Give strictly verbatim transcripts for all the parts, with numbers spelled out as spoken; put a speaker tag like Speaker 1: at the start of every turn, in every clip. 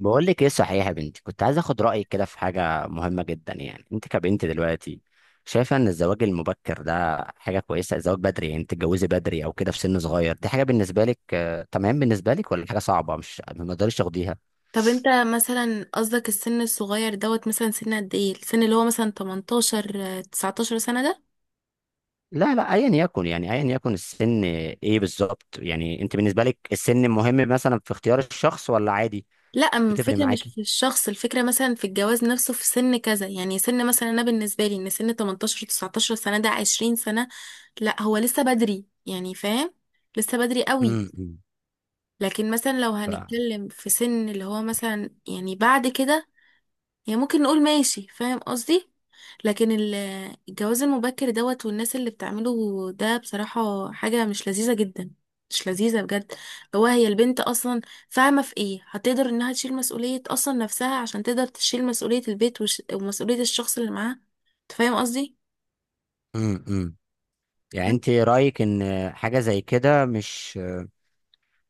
Speaker 1: بقول لك ايه صحيح يا بنتي، كنت عايز اخد رايك كده في حاجه مهمه جدا. يعني انت كبنت دلوقتي شايفه ان الزواج المبكر ده حاجه كويسه؟ الزواج بدري يعني تتجوزي بدري او كده في سن صغير، دي حاجه بالنسبه لك آه، تمام بالنسبه لك ولا حاجه صعبه مش ما تقدريش تاخديها؟
Speaker 2: طب انت مثلا، قصدك السن الصغير دوت؟ مثلا سن قد ايه؟ السن اللي هو مثلا تمنتاشر آه، تسعتاشر سنة ده؟
Speaker 1: لا لا ايا يكن، يعني ايا يكن السن، ايه بالظبط يعني انت بالنسبه لك السن مهم مثلا في اختيار الشخص ولا عادي؟
Speaker 2: لا، أم
Speaker 1: بتفرق
Speaker 2: الفكرة مش
Speaker 1: معاكي؟
Speaker 2: في الشخص، الفكرة مثلا في الجواز نفسه في سن كذا. يعني سن مثلا انا بالنسبة لي ان سن تمنتاشر تسعتاشر سنة ده عشرين سنة. لا، هو لسه بدري يعني، فاهم؟ لسه بدري قوي.
Speaker 1: امم
Speaker 2: لكن مثلا لو
Speaker 1: ف
Speaker 2: هنتكلم في سن اللي هو مثلا، يعني بعد كده، يعني ممكن نقول ماشي، فاهم قصدي؟ لكن ال- الجواز المبكر دوت والناس اللي بتعمله ده بصراحة حاجة مش لذيذة جدا، مش لذيذة بجد. هو هي البنت أصلا فاهمة في إيه؟ هتقدر إنها تشيل مسؤولية أصلا نفسها عشان تقدر تشيل مسؤولية البيت وش... ومسؤولية الشخص اللي معاها. أنت فاهم قصدي؟
Speaker 1: امم يعني انت رايك ان حاجه زي كده مش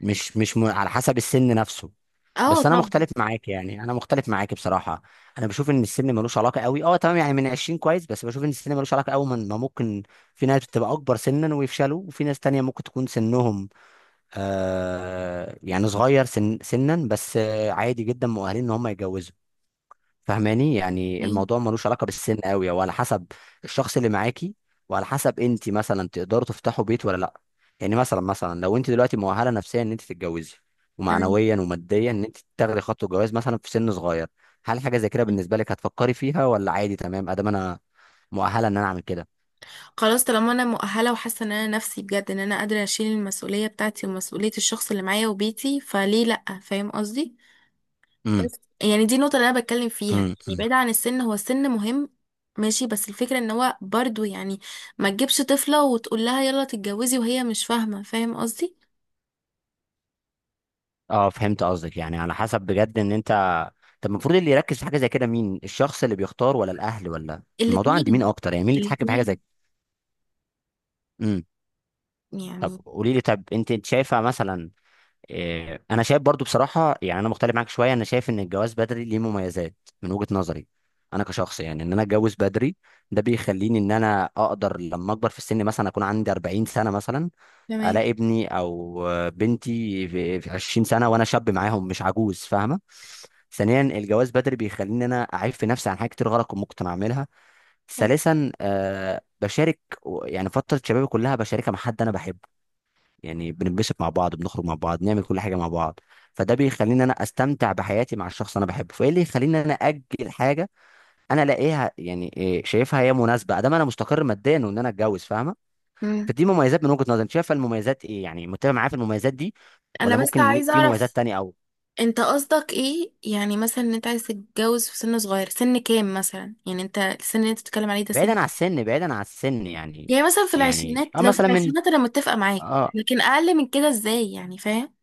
Speaker 1: مش مش م... على حسب السن نفسه؟
Speaker 2: اه،
Speaker 1: بس انا
Speaker 2: طبعا.
Speaker 1: مختلف معاك، يعني انا مختلف معاك بصراحه. انا بشوف ان السن ملوش علاقه قوي. اه تمام، يعني من عشرين كويس، بس بشوف ان السن ملوش علاقه قوي. من ما ممكن في ناس بتبقى اكبر سنا ويفشلوا، وفي ناس تانية ممكن تكون سنهم آه يعني صغير، سن سنا بس آه عادي جدا مؤهلين ان هم يتجوزوا. فاهماني؟ يعني
Speaker 2: أيوة،
Speaker 1: الموضوع ملوش علاقه بالسن قوي، هو على حسب الشخص اللي معاكي، وعلى حسب انت مثلا تقدروا تفتحوا بيت ولا لا. يعني مثلا مثلا لو انت دلوقتي مؤهله نفسيا ان انت تتجوزي،
Speaker 2: تمام.
Speaker 1: ومعنويا وماديا ان انت تاخدي خطوه جواز مثلا في سن صغير، هل حاجه زي كده بالنسبه لك هتفكري فيها ولا عادي تمام ادام انا مؤهله ان انا اعمل كده؟
Speaker 2: خلاص طالما انا مؤهله وحاسه ان انا نفسي بجد ان انا قادره اشيل المسؤوليه بتاعتي ومسؤوليه الشخص اللي معايا وبيتي، فليه لا؟ فاهم قصدي.
Speaker 1: امم.
Speaker 2: بس يعني دي النقطة اللي أنا بتكلم فيها،
Speaker 1: امم.
Speaker 2: يعني
Speaker 1: أمم.
Speaker 2: بعيد عن السن. هو السن مهم، ماشي، بس الفكرة ان هو برضو، يعني ما تجيبش طفلة وتقول لها يلا تتجوزي وهي مش فاهمة، فاهم قصدي؟
Speaker 1: اه، فهمت قصدك. يعني على حسب بجد ان انت، طب المفروض اللي يركز في حاجه زي كده مين؟ الشخص اللي بيختار ولا الاهل ولا؟ الموضوع عند مين
Speaker 2: الاتنين.
Speaker 1: اكتر؟ يعني مين اللي يتحكم في حاجه
Speaker 2: الاتنين
Speaker 1: زي كده؟ طب
Speaker 2: يعني.
Speaker 1: قولي لي، طب انت انت شايفه مثلا؟ اه، انا شايف برضو بصراحه، يعني انا مختلف معاك شويه. انا شايف ان الجواز بدري ليه مميزات من وجهه نظري. انا كشخص، يعني ان انا اتجوز بدري ده بيخليني ان انا اقدر لما اكبر في السن، مثلا اكون عندي أربعين سنه مثلا،
Speaker 2: تمام.
Speaker 1: الاقي ابني او بنتي في في عشرين سنه وانا شاب معاهم، مش عجوز. فاهمه؟ ثانيا، الجواز بدري بيخليني انا اعيب في نفسي عن حاجات كتير غلط كنت ممكن اعملها.
Speaker 2: حلو.
Speaker 1: ثالثا، أه بشارك يعني فتره شبابي كلها، بشاركها مع حد انا بحبه. يعني بننبسط مع بعض، بنخرج مع بعض، نعمل كل حاجه مع بعض. فده بيخليني انا استمتع بحياتي مع الشخص اللي انا بحبه. فايه اللي يخليني انا اجل حاجه انا الاقيها، يعني إيه، شايفها هي مناسبه ادام انا مستقر ماديا وان انا اتجوز؟ فاهمه؟
Speaker 2: مم.
Speaker 1: فدي مميزات من وجهه نظري. انت شايفه المميزات ايه؟ يعني متفق معايا في المميزات دي
Speaker 2: انا
Speaker 1: ولا
Speaker 2: بس
Speaker 1: ممكن ليه-
Speaker 2: عايزة
Speaker 1: في
Speaker 2: اعرف،
Speaker 1: مميزات تانية او؟
Speaker 2: انت قصدك ايه؟ يعني مثلا ان انت عايز تتجوز في سن صغير، سن كام مثلا؟ يعني انت السن اللي انت بتتكلم عليه ده سن،
Speaker 1: بعيدا عن السن، بعيدا عن السن، يعني
Speaker 2: يعني مثلا في
Speaker 1: يعني
Speaker 2: العشرينات؟
Speaker 1: اه
Speaker 2: لو في
Speaker 1: مثلا من،
Speaker 2: العشرينات انا متفقة معاك،
Speaker 1: اه
Speaker 2: لكن اقل من كده ازاي يعني، فاهم؟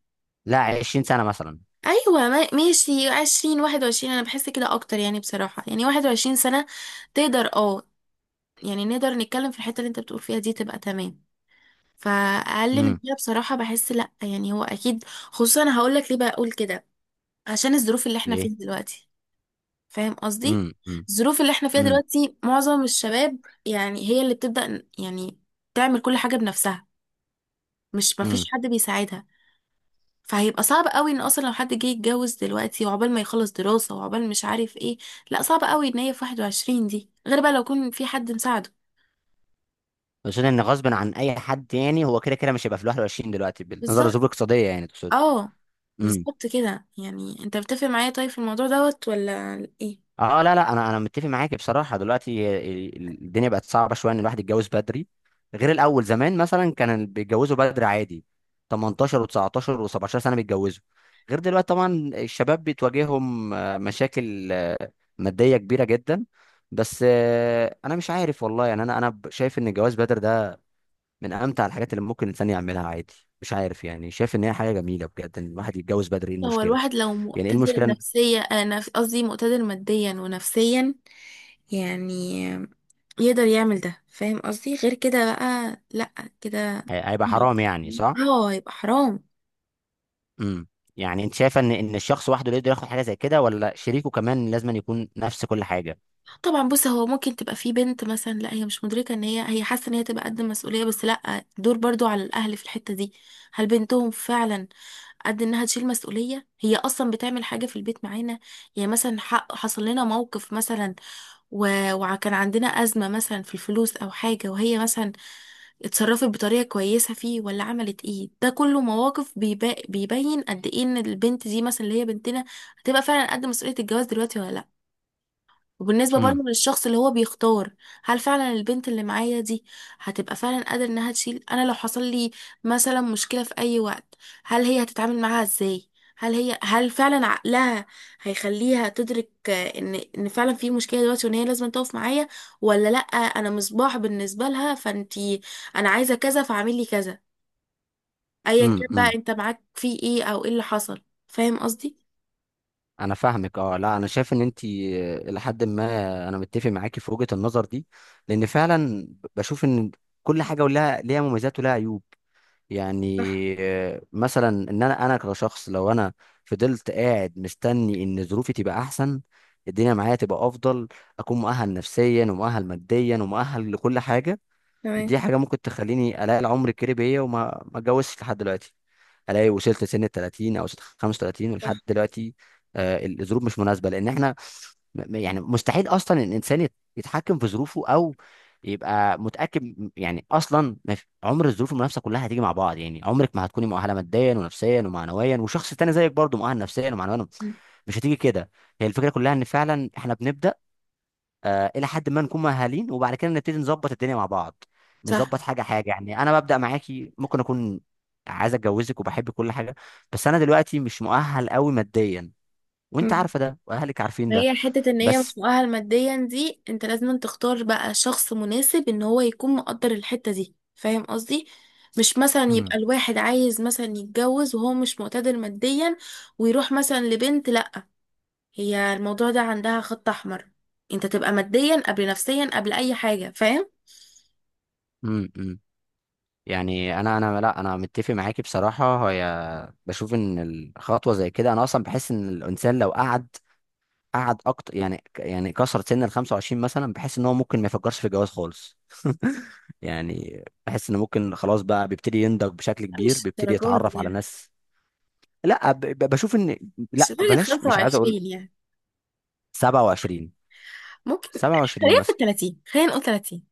Speaker 1: لا عشرين سنه مثلا.
Speaker 2: ايوه ما- ماشي، عشرين واحد وعشرين انا بحس كده اكتر يعني، بصراحة يعني واحد وعشرين سنة تقدر، اه، يعني نقدر نتكلم في الحتة اللي انت بتقول فيها دي، تبقى تمام. فاقل من
Speaker 1: امم.
Speaker 2: كده بصراحة بحس لا، يعني هو اكيد. خصوصا انا هقول لك ليه بقول كده، عشان الظروف اللي احنا
Speaker 1: ليه؟
Speaker 2: فيها دلوقتي، فاهم قصدي؟
Speaker 1: امم. امم.
Speaker 2: الظروف اللي احنا فيها دلوقتي معظم الشباب، يعني هي اللي بتبدأ يعني تعمل كل حاجة بنفسها، مش مفيش
Speaker 1: امم.
Speaker 2: حد بيساعدها. فهيبقى صعب قوي ان اصلا لو حد جه يتجوز دلوقتي، وعقبال ما يخلص دراسة وعقبال مش عارف ايه. لا صعب قوي ان هي في واحد وعشرين دي، غير بقى لو يكون في حد مساعده.
Speaker 1: اقصد ان غصب عن اي حد، يعني هو كده كده مش هيبقى في ال الواحد وعشرين دلوقتي بالنظر
Speaker 2: بالظبط.
Speaker 1: لظروف اقتصاديه، يعني تقصد؟
Speaker 2: اه،
Speaker 1: امم.
Speaker 2: بالظبط كده. يعني انت بتتفق معايا طيب في الموضوع دوت ولا ايه؟
Speaker 1: اه، لا لا انا انا متفق معاك بصراحه. دلوقتي ال- ال- الدنيا بقت صعبه شويه ان الواحد يتجوز بدري. غير الاول زمان مثلا كان اللي بيتجوزوا بدري عادي، تمنتاشر و19 و17 سنه بيتجوزوا. غير دلوقتي طبعا الشباب بتواجههم آه، مشاكل آه، ماديه كبيره جدا. بس آه، انا مش عارف والله. يعني انا انا شايف ان الجواز بدري ده من امتع الحاجات اللي ممكن الانسان يعملها عادي. مش عارف، يعني شايف ان هي حاجه جميله بجد ان الواحد يتجوز بدري، ايه
Speaker 2: هو
Speaker 1: المشكله؟
Speaker 2: الواحد لو
Speaker 1: يعني ايه
Speaker 2: مقتدر
Speaker 1: المشكله إن-
Speaker 2: نفسيا، آه، نف- قصدي مقتدر ماديا ونفسيا، يعني يقدر يعمل ده، فاهم قصدي؟ غير كده بقى لا كده.
Speaker 1: هي- هيبقى حرام يعني، صح؟
Speaker 2: اه، يبقى حرام.
Speaker 1: امم. يعني انت شايفه ان ان الشخص وحده اللي يقدر ياخد حاجه زي كده ولا شريكه كمان لازم أن يكون نفس كل حاجه؟
Speaker 2: طبعا، بص هو ممكن تبقى في بنت مثلا لا هي مش مدركه ان هي هي حاسه ان هي تبقى قد المسؤوليه، بس لا، دور برضو على الاهل في الحته دي. هل بنتهم فعلا قد انها تشيل مسؤوليه؟ هي اصلا بتعمل حاجه في البيت معانا؟ يعني مثلا ح- حصل لنا موقف مثلا، و- وكان عندنا ازمه مثلا في الفلوس او حاجه، وهي مثلا اتصرفت بطريقه كويسه فيه ولا عملت ايه. ده كله مواقف بيبا- بيبين قد ايه ان البنت دي مثلا اللي هي بنتنا هتبقى فعلا قد مسؤوليه الجواز دلوقتي ولا لا. وبالنسبة
Speaker 1: امم.
Speaker 2: برضه للشخص اللي هو بيختار، هل فعلا البنت اللي معايا دي هتبقى فعلا قادرة انها تشيل؟ انا لو حصل لي مثلا مشكلة في اي وقت، هل هي هتتعامل معاها ازاي؟ هل هي هل فعلا عقلها هيخليها تدرك آه، ان ان فعلا في مشكلة دلوقتي، وان هي لازم تقف معايا ولا لا؟ انا مصباح بالنسبة لها، فانتي انا عايزة كذا فاعملي كذا، ايا كان
Speaker 1: امم. امم.
Speaker 2: بقى انت معاك في ايه او ايه اللي حصل، فاهم قصدي؟
Speaker 1: انا فاهمك. اه لا، انا شايف ان انت الى حد ما انا متفق معاكي في وجهه النظر دي، لان فعلا بشوف ان كل حاجه ولها ليها مميزات ولها عيوب. يعني
Speaker 2: صح.
Speaker 1: آه، مثلا ان انا انا كشخص لو انا فضلت قاعد مستني ان ظروفي تبقى احسن، الدنيا معايا تبقى افضل، اكون مؤهل نفسيا ومؤهل ماديا ومؤهل لكل حاجه،
Speaker 2: تمام.
Speaker 1: دي حاجه ممكن تخليني الاقي العمر الكريم بيا وما ما اتجوزش لحد دلوقتي. الاقي وصلت سن ال التلاتين او خمسة وتلاتين ولحد
Speaker 2: صح.
Speaker 1: دلوقتي آه، الظروف مش مناسبه، لان احنا م- يعني مستحيل اصلا الانسان يت- يتحكم في ظروفه او يبقى متاكد م- يعني اصلا ما في- عمر الظروف المنافسه كلها هتيجي مع بعض. يعني عمرك ما هتكوني مؤهله ماديا ونفسيا ومعنويا، وشخص تاني زيك برضه مؤهل نفسيا ومعنويا،
Speaker 2: مم.
Speaker 1: مش هتيجي كده. هي الفكره كلها ان فعلا احنا بنبدا آه الى حد ما نكون مؤهلين، وبعد كده نبتدي نظبط الدنيا مع بعض،
Speaker 2: صح.
Speaker 1: نظبط حاجه حاجه. يعني انا ببدا معاكي، ممكن اكون عايز اتجوزك وبحب كل حاجه، بس انا دلوقتي مش مؤهل قوي ماديا، وانت عارفه ده واهلك عارفين ده.
Speaker 2: هي حتة ان هي مش
Speaker 1: بس.
Speaker 2: مؤهل ماديا دي، انت لازم تختار بقى شخص مناسب ان هو يكون مقدر الحتة دي، فاهم قصدي؟ مش مثلا يبقى الواحد عايز مثلا يتجوز وهو مش مقتدر ماديا، ويروح مثلا لبنت، لا. هي الموضوع ده عندها خط احمر، انت تبقى ماديا قبل نفسيا قبل اي حاجة، فاهم؟
Speaker 1: امم. أمم. يعني انا انا لا انا متفق معاكي بصراحه. هي بشوف ان الخطوه زي كده، انا اصلا بحس ان الانسان لو قعد قعد اكتر، يعني يعني كسر سن ال الخمسة وعشرين مثلا، بحس ان هو ممكن ما يفكرش في الجواز خالص. يعني بحس انه ممكن خلاص بقى بيبتدي ينضج بشكل
Speaker 2: لا،
Speaker 1: كبير،
Speaker 2: مش
Speaker 1: بيبتدي
Speaker 2: الدرجات
Speaker 1: يتعرف
Speaker 2: دي
Speaker 1: على
Speaker 2: يعني،
Speaker 1: ناس. لا، ب- ب- بشوف ان،
Speaker 2: مش
Speaker 1: لا
Speaker 2: لدرجة
Speaker 1: بلاش، مش عايز اقول.
Speaker 2: خمسة وعشرين يعني،
Speaker 1: سبعة وعشرين،
Speaker 2: ممكن.
Speaker 1: سبع وعشرين
Speaker 2: خلينا في ال
Speaker 1: مثلا.
Speaker 2: تلاتين، خلينا نقول تلاتين.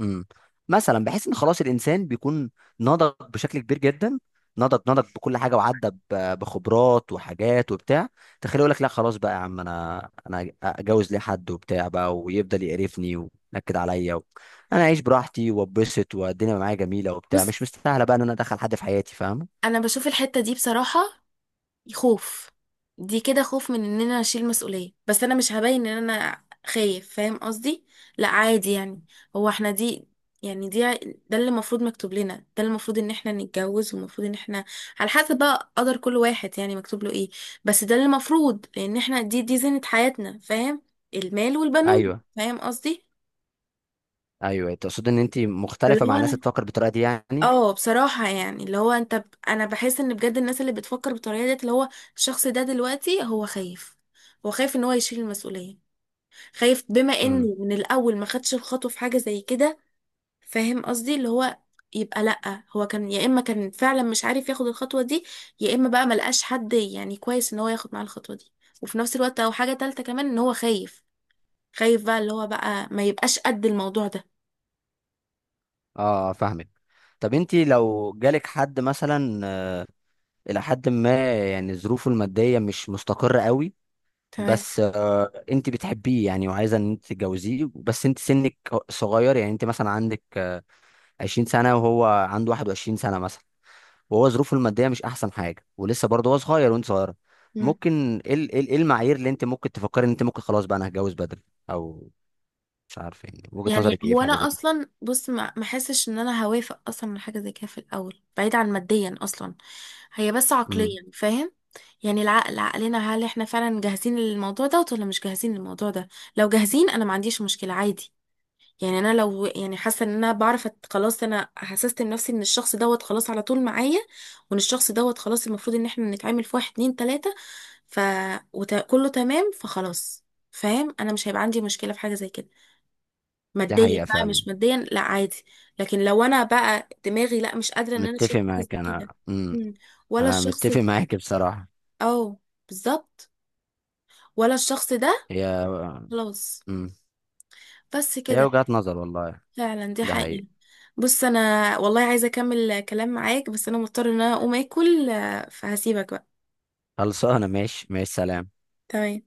Speaker 1: امم. مثلا بحيث ان خلاص الانسان بيكون نضج بشكل كبير جدا، نضج نضج بكل حاجه، وعدى ب- بخبرات وحاجات وبتاع. تخيل يقول لك لا خلاص بقى يا عم، انا انا اتجوز ليه حد وبتاع بقى ويفضل يقرفني وينكد عليا و انا اعيش براحتي واتبسط، والدنيا معايا جميله وبتاع،
Speaker 2: بص
Speaker 1: مش مستاهله بقى ان انا ادخل حد في حياتي، فاهم؟
Speaker 2: انا بشوف الحتة دي بصراحة خوف. دي كده خوف من ان انا اشيل مسؤولية، بس انا مش هبين ان انا خايف، فاهم قصدي؟ لا عادي يعني. هو احنا دي، يعني دي، ده اللي المفروض مكتوب لنا، ده اللي المفروض ان احنا نتجوز، والمفروض ان احنا على حسب بقى قدر كل واحد، يعني مكتوب له ايه. بس ده اللي المفروض، لان احنا دي دي زينة حياتنا، فاهم؟ المال والبنون،
Speaker 1: ايوه.
Speaker 2: فاهم قصدي؟
Speaker 1: ايوه، تقصد ان انت مختلفه
Speaker 2: فاللي هو
Speaker 1: مع ناس
Speaker 2: انا،
Speaker 1: بتفكر بالطريقه دي يعني؟
Speaker 2: اه بصراحة يعني اللي هو انت ب... انا بحس ان بجد الناس اللي بتفكر بالطريقة ديت، اللي هو الشخص ده دلوقتي هو خايف، هو خايف ان هو يشيل المسؤولية، خايف بما
Speaker 1: امم.
Speaker 2: انه من الاول ما خدش الخطوة في حاجة زي كده، فاهم قصدي؟ اللي هو يبقى لأ، هو كان يا اما كان فعلا مش عارف ياخد الخطوة دي، يا اما بقى ملقاش حد يعني كويس ان هو ياخد معاه الخطوة دي، وفي نفس الوقت او حاجة تالتة كمان ان هو خايف، خايف بقى اللي هو بقى ما يبقاش قد الموضوع ده.
Speaker 1: اه فاهمك. طب انت لو جالك حد مثلا الى حد ما يعني ظروفه الماديه مش مستقره قوي،
Speaker 2: تمام.
Speaker 1: بس آه انت بتحبيه يعني وعايزه ان انت تتجوزيه، بس انت سنك صغير، يعني انت مثلا عندك آه، عشرين سنه وهو عنده واحد وعشرين سنه مثلا، وهو ظروفه الماديه مش احسن حاجه، ولسه برضه هو صغير وانت صغيره، ممكن ايه ال- ايه ال- إيه المعايير اللي انت ممكن تفكري ان انت ممكن خلاص بقى انا هتجوز بدري او؟ مش عارف، يعني وجهه
Speaker 2: يعني
Speaker 1: نظرك ايه
Speaker 2: هو
Speaker 1: في
Speaker 2: انا
Speaker 1: حاجه زي كده؟
Speaker 2: اصلا، بص ما ما حسش ان انا هوافق اصلا من حاجه زي كده في الاول، بعيد عن ماديا اصلا، هي بس
Speaker 1: امم.
Speaker 2: عقليا، فاهم؟ يعني العقل، عقلنا هل احنا فعلا جاهزين للموضوع ده ولا مش جاهزين للموضوع ده؟ لو جاهزين انا ما عنديش مشكله، عادي. يعني انا لو، يعني حاسه ان انا بعرف أت- خلاص، انا حسست نفسي ان الشخص دوت خلاص على طول معايا، وان الشخص دوت خلاص المفروض ان احنا نتعامل في واحد اتنين تلاته، ف وت... كله تمام، فخلاص، فاهم. انا مش هيبقى عندي مشكله في حاجه زي كده.
Speaker 1: دي
Speaker 2: ماديا
Speaker 1: حقيقه
Speaker 2: بقى
Speaker 1: فعلا.
Speaker 2: مش ماديا، لا عادي. لكن لو انا بقى دماغي لا، مش قادره ان انا
Speaker 1: متفق
Speaker 2: اشيل حاجه
Speaker 1: معاك
Speaker 2: زي كده.
Speaker 1: انا. امم.
Speaker 2: مم. ولا
Speaker 1: انا
Speaker 2: الشخص
Speaker 1: متفق
Speaker 2: ده.
Speaker 1: معاك بصراحه.
Speaker 2: اه. بالظبط. ولا الشخص ده.
Speaker 1: هي.
Speaker 2: خلاص.
Speaker 1: امم.
Speaker 2: بس
Speaker 1: هي
Speaker 2: كده.
Speaker 1: وجهة نظر والله.
Speaker 2: فعلا دي
Speaker 1: ده حقيقي.
Speaker 2: حقيقة. بص انا والله عايزه اكمل كلام معاك، بس انا مضطره ان انا اقوم اكل، آه، فهسيبك بقى.
Speaker 1: خلصانة؟ ماشي ماشي، سلام.
Speaker 2: تمام.